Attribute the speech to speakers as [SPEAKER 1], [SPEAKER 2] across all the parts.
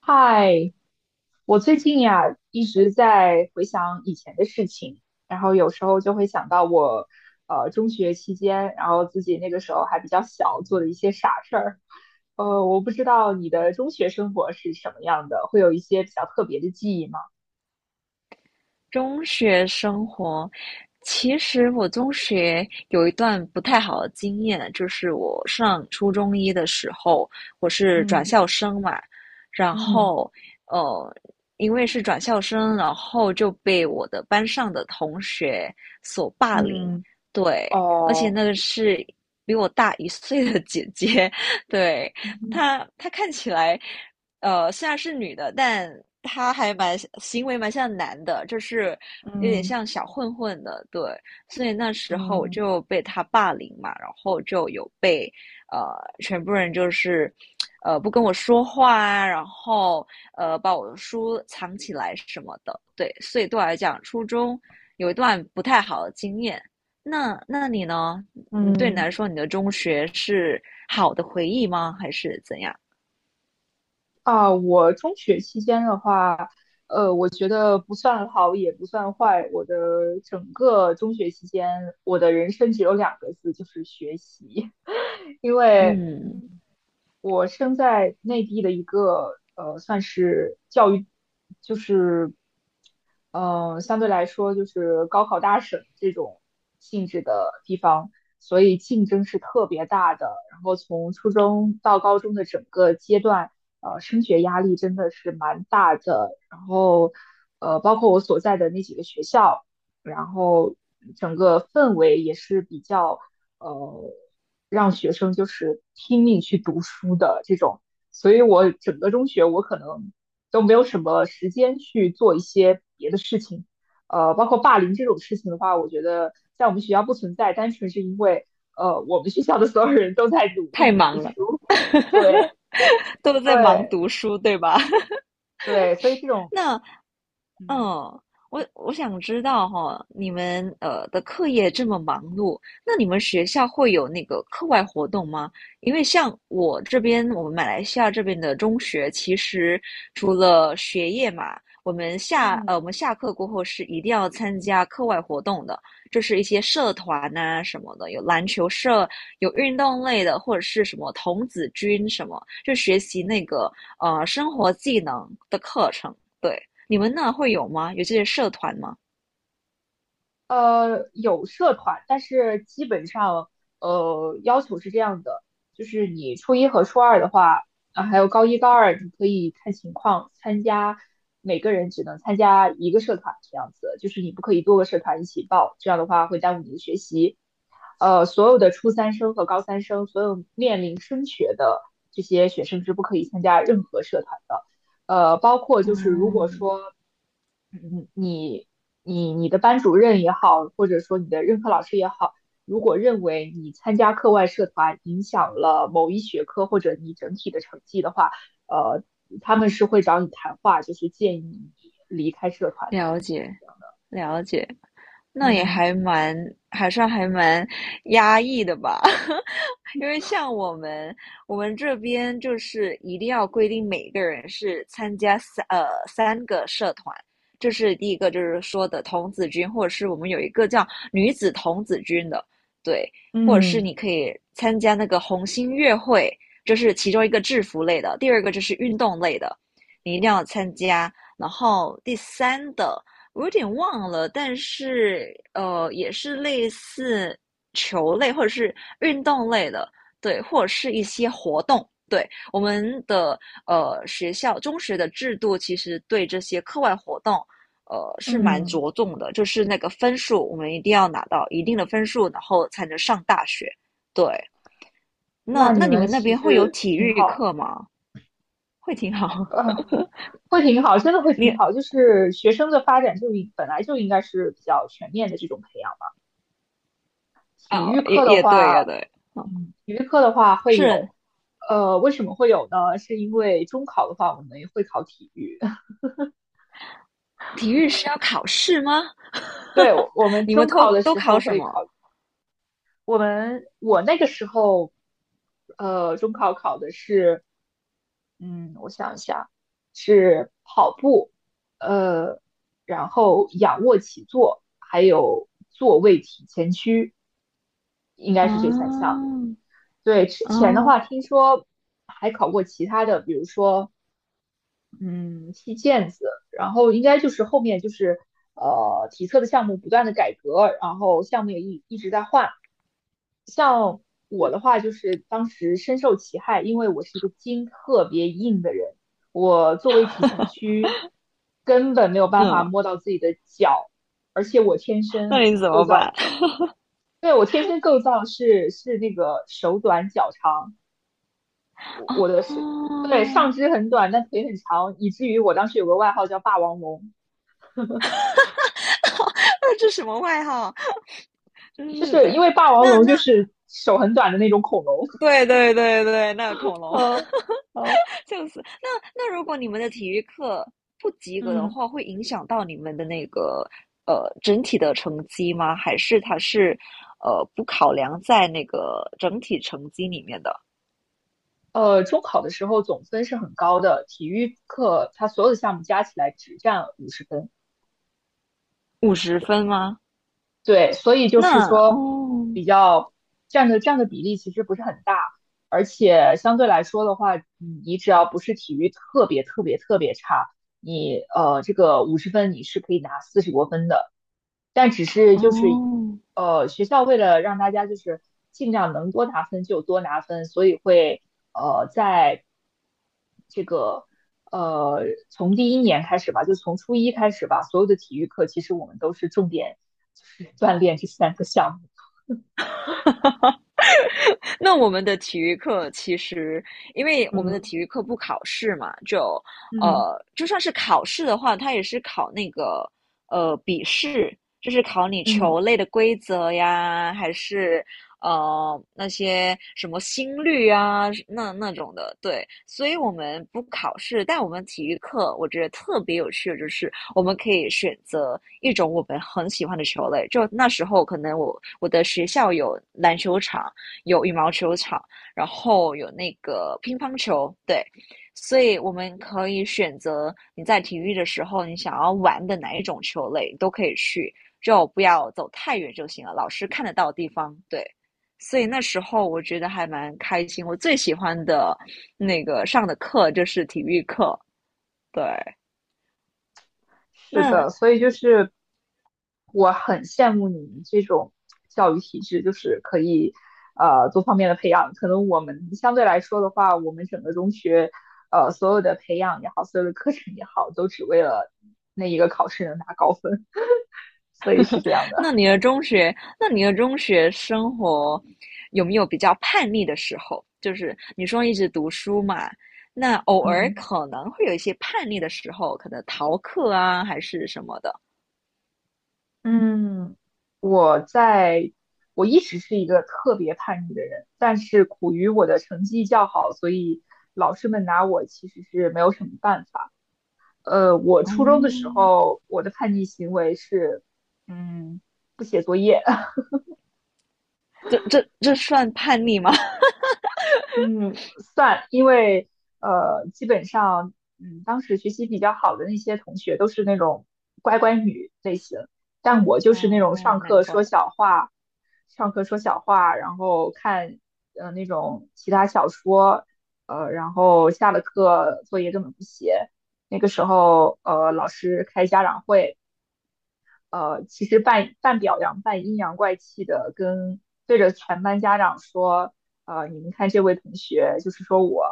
[SPEAKER 1] 嗨，我最近呀一直在回想以前的事情，然后有时候就会想到我，中学期间，然后自己那个时候还比较小，做的一些傻事儿。我不知道你的中学生活是什么样的，会有一些比较特别的记忆吗？
[SPEAKER 2] 中学生活，其实我中学有一段不太好的经验，就是我上初中一的时候，我是转
[SPEAKER 1] 嗯
[SPEAKER 2] 校生嘛，然
[SPEAKER 1] 嗯
[SPEAKER 2] 后呃，因为是转校生，然后就被我的班上的同学所霸凌，
[SPEAKER 1] 嗯，
[SPEAKER 2] 对，而且
[SPEAKER 1] 哦，
[SPEAKER 2] 那个是比我大一岁的姐姐，对，
[SPEAKER 1] 嗯
[SPEAKER 2] 她看起来。虽然是女的，但她还蛮行为蛮像男的，就是有点
[SPEAKER 1] 嗯
[SPEAKER 2] 像小混混的，对。所以那时候我
[SPEAKER 1] 嗯
[SPEAKER 2] 就被他霸凌嘛，然后就有被呃全部人就是不跟我说话啊，然后把我的书藏起来什么的，对。所以对我来讲，初中有一段不太好的经验。那你呢？你对你来
[SPEAKER 1] 嗯。
[SPEAKER 2] 说，你的中学是好的回忆吗？还是怎样？
[SPEAKER 1] 啊，我中学期间的话，我觉得不算好也不算坏。我的整个中学期间，我的人生只有两个字，就是学习。因为，
[SPEAKER 2] 嗯。
[SPEAKER 1] 我生在内地的一个算是教育，就是相对来说就是高考大省这种性质的地方，所以竞争是特别大的。然后从初中到高中的整个阶段，升学压力真的是蛮大的。然后，包括我所在的那几个学校，然后整个氛围也是比较，呃，让学生就是拼命去读书的这种。所以我整个中学，我可能，都没有什么时间去做一些别的事情。包括霸凌这种事情的话，我觉得在我们学校不存在，单纯是因为我们学校的所有人都在努
[SPEAKER 2] 太
[SPEAKER 1] 力读
[SPEAKER 2] 忙了，
[SPEAKER 1] 书。对
[SPEAKER 2] 都在忙
[SPEAKER 1] 对
[SPEAKER 2] 读书，对吧？
[SPEAKER 1] 对，所以这种
[SPEAKER 2] 那嗯，
[SPEAKER 1] 嗯。
[SPEAKER 2] 我想知道哈，你们的课业这么忙碌，那你们学校会有那个课外活动吗？因为像我这边，我们马来西亚这边的中学，其实除了学业嘛，我
[SPEAKER 1] 嗯，
[SPEAKER 2] 们下课过后是一定要参加课外活动的，就是一些社团呐、什么的，有篮球社，有运动类的，或者是什么童子军什么，就学习那个生活技能的课程。对。你们那会有吗？有这些社团吗？
[SPEAKER 1] 有社团，但是基本上，要求是这样的，就是你初一和初二的话，啊，还有高一、高二，你可以看情况参加，每个人只能参加一个社团，这样子，就是你不可以多个社团一起报，这样的话会耽误你的学习。所有的初三生和高三生，所有面临升学的这些学生是不可以参加任何社团的。包括就是如果
[SPEAKER 2] 嗯，
[SPEAKER 1] 说嗯，你你的班主任也好，或者说你的任课老师也好，如果认为你参加课外社团影响了某一学科或者你整体的成绩的话，呃，他们是会找你谈话，就是建议你离开社团的。
[SPEAKER 2] 了解，了解，那也
[SPEAKER 1] 嗯
[SPEAKER 2] 还蛮，还算还蛮压抑的吧。因为像我们，我们这边就是一定要规定每个人是参加三个社团，这是第一个，就是说的童子军，或者是我们有一个叫女子童子军的，对，或者是
[SPEAKER 1] 嗯
[SPEAKER 2] 你可以参加那个红星乐会，这是其中一个制服类的，第二个就是运动类的，你一定要参加，然后第三的我有点忘了，但是也是类似。球类或者是运动类的，对，或者是一些活动。对，我们的学校中学的制度，其实对这些课外活动，是蛮
[SPEAKER 1] 嗯，
[SPEAKER 2] 着重的，就是那个分数，我们一定要拿到一定的分数，然后才能上大学。对，
[SPEAKER 1] 那
[SPEAKER 2] 那
[SPEAKER 1] 你
[SPEAKER 2] 你
[SPEAKER 1] 们
[SPEAKER 2] 们那
[SPEAKER 1] 其
[SPEAKER 2] 边会有
[SPEAKER 1] 实
[SPEAKER 2] 体
[SPEAKER 1] 挺
[SPEAKER 2] 育
[SPEAKER 1] 好，
[SPEAKER 2] 课吗？会挺好。
[SPEAKER 1] 呃，会挺好，真的会 挺
[SPEAKER 2] 你
[SPEAKER 1] 好。就是学生的发展就应本来就应该是比较全面的这种培养。体
[SPEAKER 2] 啊、
[SPEAKER 1] 育
[SPEAKER 2] 也
[SPEAKER 1] 课的
[SPEAKER 2] 也对，
[SPEAKER 1] 话，
[SPEAKER 2] 也对，哦，
[SPEAKER 1] 体育课的话会有，
[SPEAKER 2] 是
[SPEAKER 1] 为什么会有呢？是因为中考的话，我们也会考体育。
[SPEAKER 2] 体育是要考试吗？
[SPEAKER 1] 对，我们
[SPEAKER 2] 你们
[SPEAKER 1] 中
[SPEAKER 2] 都
[SPEAKER 1] 考的
[SPEAKER 2] 都
[SPEAKER 1] 时
[SPEAKER 2] 考
[SPEAKER 1] 候
[SPEAKER 2] 什
[SPEAKER 1] 会
[SPEAKER 2] 么？
[SPEAKER 1] 考，我那个时候，中考考的是，我想一下，是跑步，呃，然后仰卧起坐，还有坐位体前屈，应该是这三项。
[SPEAKER 2] 啊，
[SPEAKER 1] 对，之前的
[SPEAKER 2] 啊，
[SPEAKER 1] 话听说还考过其他的，比如说嗯，踢毽子，然后应该就是后面就是体测的项目不断的改革，然后项目也一直在换。嗯，我的话就是当时深受其害，因为我是一个筋特别硬的人，我作为体前屈根本没有办法
[SPEAKER 2] 嗯，
[SPEAKER 1] 摸到自己的脚，而且我天
[SPEAKER 2] 那
[SPEAKER 1] 生，
[SPEAKER 2] 你怎么办？
[SPEAKER 1] 对，我天生构造是那个手短脚长，
[SPEAKER 2] 哦，
[SPEAKER 1] 我的是，对，上 肢很短，但腿很长，以至于我当时有个外号叫霸王龙。
[SPEAKER 2] 那这什么外号？真
[SPEAKER 1] 就
[SPEAKER 2] 是
[SPEAKER 1] 是因
[SPEAKER 2] 的。
[SPEAKER 1] 为霸王
[SPEAKER 2] 那
[SPEAKER 1] 龙
[SPEAKER 2] 那
[SPEAKER 1] 就是手很短的那种恐龙
[SPEAKER 2] 对对对对，那恐龙
[SPEAKER 1] 呃呃
[SPEAKER 2] 就是。那那如果你们的体育课不及格的
[SPEAKER 1] 嗯，
[SPEAKER 2] 话，会影响到你们的那个整体的成绩吗？还是它是不考量在那个整体成绩里面的
[SPEAKER 1] 中考的时候总分是很高的，体育课它所有的项目加起来只占五十分。
[SPEAKER 2] 50分吗？
[SPEAKER 1] 对，所以就是
[SPEAKER 2] 那
[SPEAKER 1] 说，
[SPEAKER 2] 哦
[SPEAKER 1] 比较占的比例其实不是很大，而且相对来说的话，你只要不是体育特别特别特别差，你这个五十分你是可以拿四十多分的，但只是就是
[SPEAKER 2] 哦
[SPEAKER 1] 学校为了让大家就是尽量能多拿分就多拿分，所以会在这个呃从第一年开始吧，就从初一开始吧，所有的体育课其实我们都是重点。就是锻炼这三个项目。
[SPEAKER 2] 那我们的体育课其实，因为我们的
[SPEAKER 1] 嗯
[SPEAKER 2] 体育课不考试嘛，就，
[SPEAKER 1] 嗯
[SPEAKER 2] 就算是考试的话，它也是考那个笔试，就是考你
[SPEAKER 1] 嗯，
[SPEAKER 2] 球类的规则呀，还是那些什么心率啊，那那种的。对，所以我们不考试，但我们体育课我觉得特别有趣的就是，我们可以选择一种我们很喜欢的球类。就那时候可能我的学校有篮球场。有羽毛球场，然后有那个乒乓球，对，所以我们可以选择你在体育的时候你想要玩的哪一种球类都可以去，就不要走太远就行了，老师看得到的地方，对。所以那时候我觉得还蛮开心，我最喜欢的那个上的课就是体育课，对。
[SPEAKER 1] 是的，
[SPEAKER 2] 那
[SPEAKER 1] 所以就是我很羡慕你们这种教育体制，就是可以多方面的培养。可能我们相对来说的话，我们整个中学所有的培养也好，所有的课程也好，都只为了那一个考试能拿高分，所以是这样的。
[SPEAKER 2] 那你的中学，那你的中学生活有没有比较叛逆的时候？就是你说一直读书嘛，那偶尔
[SPEAKER 1] 嗯。
[SPEAKER 2] 可能会有一些叛逆的时候，可能逃课啊，还是什么的。
[SPEAKER 1] 嗯，我在，我一直是一个特别叛逆的人，但是苦于我的成绩较好，所以老师们拿我其实是没有什么办法。我初中的时
[SPEAKER 2] 哦，
[SPEAKER 1] 候，我的叛逆行为是，嗯，不写作业。
[SPEAKER 2] 这算叛逆吗？
[SPEAKER 1] 嗯，算，因为基本上，当时学习比较好的那些同学都是那种乖乖女类型，但我就是那种
[SPEAKER 2] 啊，难怪。
[SPEAKER 1] 上课说小话，然后看那种其他小说，然后下了课作业根本不写。那个时候，老师开家长会，其实半表扬半阴阳怪气的跟对着全班家长说，你们看这位同学，就是说我，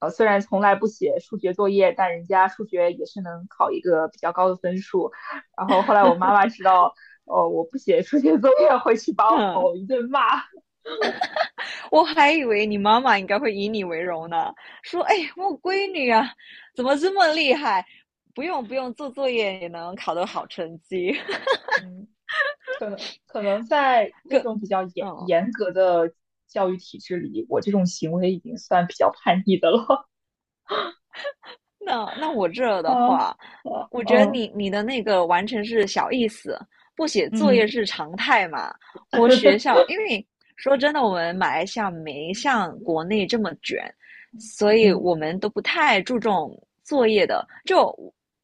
[SPEAKER 1] 虽然从来不写数学作业，但人家数学也是能考一个比较高的分数。然后后来我妈妈知道，我不写数学作业，回去把我
[SPEAKER 2] 嗯，
[SPEAKER 1] 吼一顿骂。
[SPEAKER 2] 我还以为你妈妈应该会以你为荣呢，说：“哎，我闺女啊，怎么这么厉害？不用不用，做作业也能考得好成绩。
[SPEAKER 1] 嗯，可能在那
[SPEAKER 2] 更，
[SPEAKER 1] 种比较严
[SPEAKER 2] 嗯，
[SPEAKER 1] 严格的教育体制里，我这种行为已经算比较叛逆的了。
[SPEAKER 2] 那我这
[SPEAKER 1] 啊
[SPEAKER 2] 的话，
[SPEAKER 1] 啊
[SPEAKER 2] 我觉得
[SPEAKER 1] 嗯
[SPEAKER 2] 你你的那个完全是小意思，不写作
[SPEAKER 1] 嗯。
[SPEAKER 2] 业是常态嘛。我学校，因为说真的，我们马来西亚没像国内这么卷，所以
[SPEAKER 1] 嗯
[SPEAKER 2] 我们都不太注重作业的。就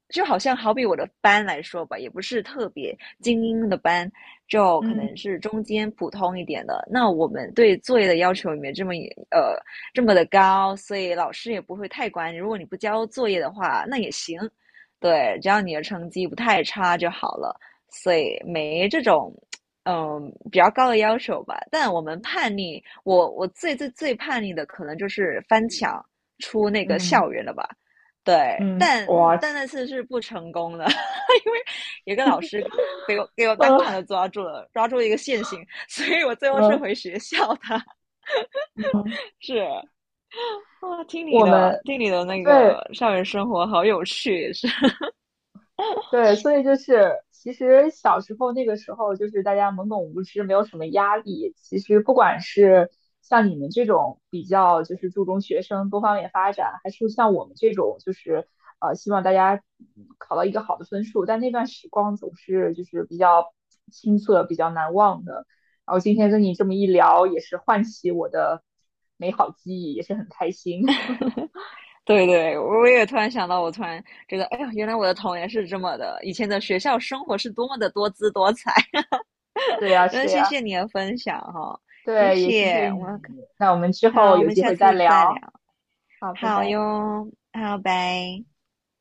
[SPEAKER 2] 就好像好比我的班来说吧，也不是特别精英的班，就可能
[SPEAKER 1] 嗯
[SPEAKER 2] 是中间普通一点的。那我们对作业的要求也没这么呃这么的高，所以老师也不会太管你。如果你不交作业的话，那也行，对，只要你的成绩不太差就好了。所以没这种，嗯，比较高的要求吧。但我们叛逆，我最叛逆的可能就是翻墙出那个
[SPEAKER 1] 嗯
[SPEAKER 2] 校园了吧。对，
[SPEAKER 1] 嗯，嗯
[SPEAKER 2] 但嗯，但那次是不成功的，因为有个老师给我当场
[SPEAKER 1] 呃
[SPEAKER 2] 的抓住了，抓住一个现行，所以我最后是
[SPEAKER 1] 嗯
[SPEAKER 2] 回学校的。
[SPEAKER 1] 嗯，
[SPEAKER 2] 是，啊，听你
[SPEAKER 1] 我
[SPEAKER 2] 的，
[SPEAKER 1] 们
[SPEAKER 2] 听你的那
[SPEAKER 1] 对
[SPEAKER 2] 个校园生活好有趣，也是。
[SPEAKER 1] 对，所以就是其实小时候那个时候，就是大家懵懂无知，没有什么压力。其实不管是像你们这种比较就是注重学生多方面发展，还是像我们这种就是希望大家考到一个好的分数，但那段时光总是就是比较青涩、比较难忘的。然后今天跟你这么一聊，也是唤起我的美好记忆，也是很开心。
[SPEAKER 2] 对对，我也突然想到，我突然觉得，哎呀，原来我的童年是这么的，以前的学校生活是多么的多姿多彩。
[SPEAKER 1] 对呀，
[SPEAKER 2] 真的
[SPEAKER 1] 是
[SPEAKER 2] 谢
[SPEAKER 1] 呀，
[SPEAKER 2] 谢你的分享哈，谢
[SPEAKER 1] 对，也谢
[SPEAKER 2] 谢，
[SPEAKER 1] 谢
[SPEAKER 2] 我
[SPEAKER 1] 你。
[SPEAKER 2] 们
[SPEAKER 1] 那我们之后
[SPEAKER 2] 好，我
[SPEAKER 1] 有
[SPEAKER 2] 们
[SPEAKER 1] 机
[SPEAKER 2] 下
[SPEAKER 1] 会再
[SPEAKER 2] 次再聊。
[SPEAKER 1] 聊。好，拜
[SPEAKER 2] 好
[SPEAKER 1] 拜。
[SPEAKER 2] 哟，好，拜。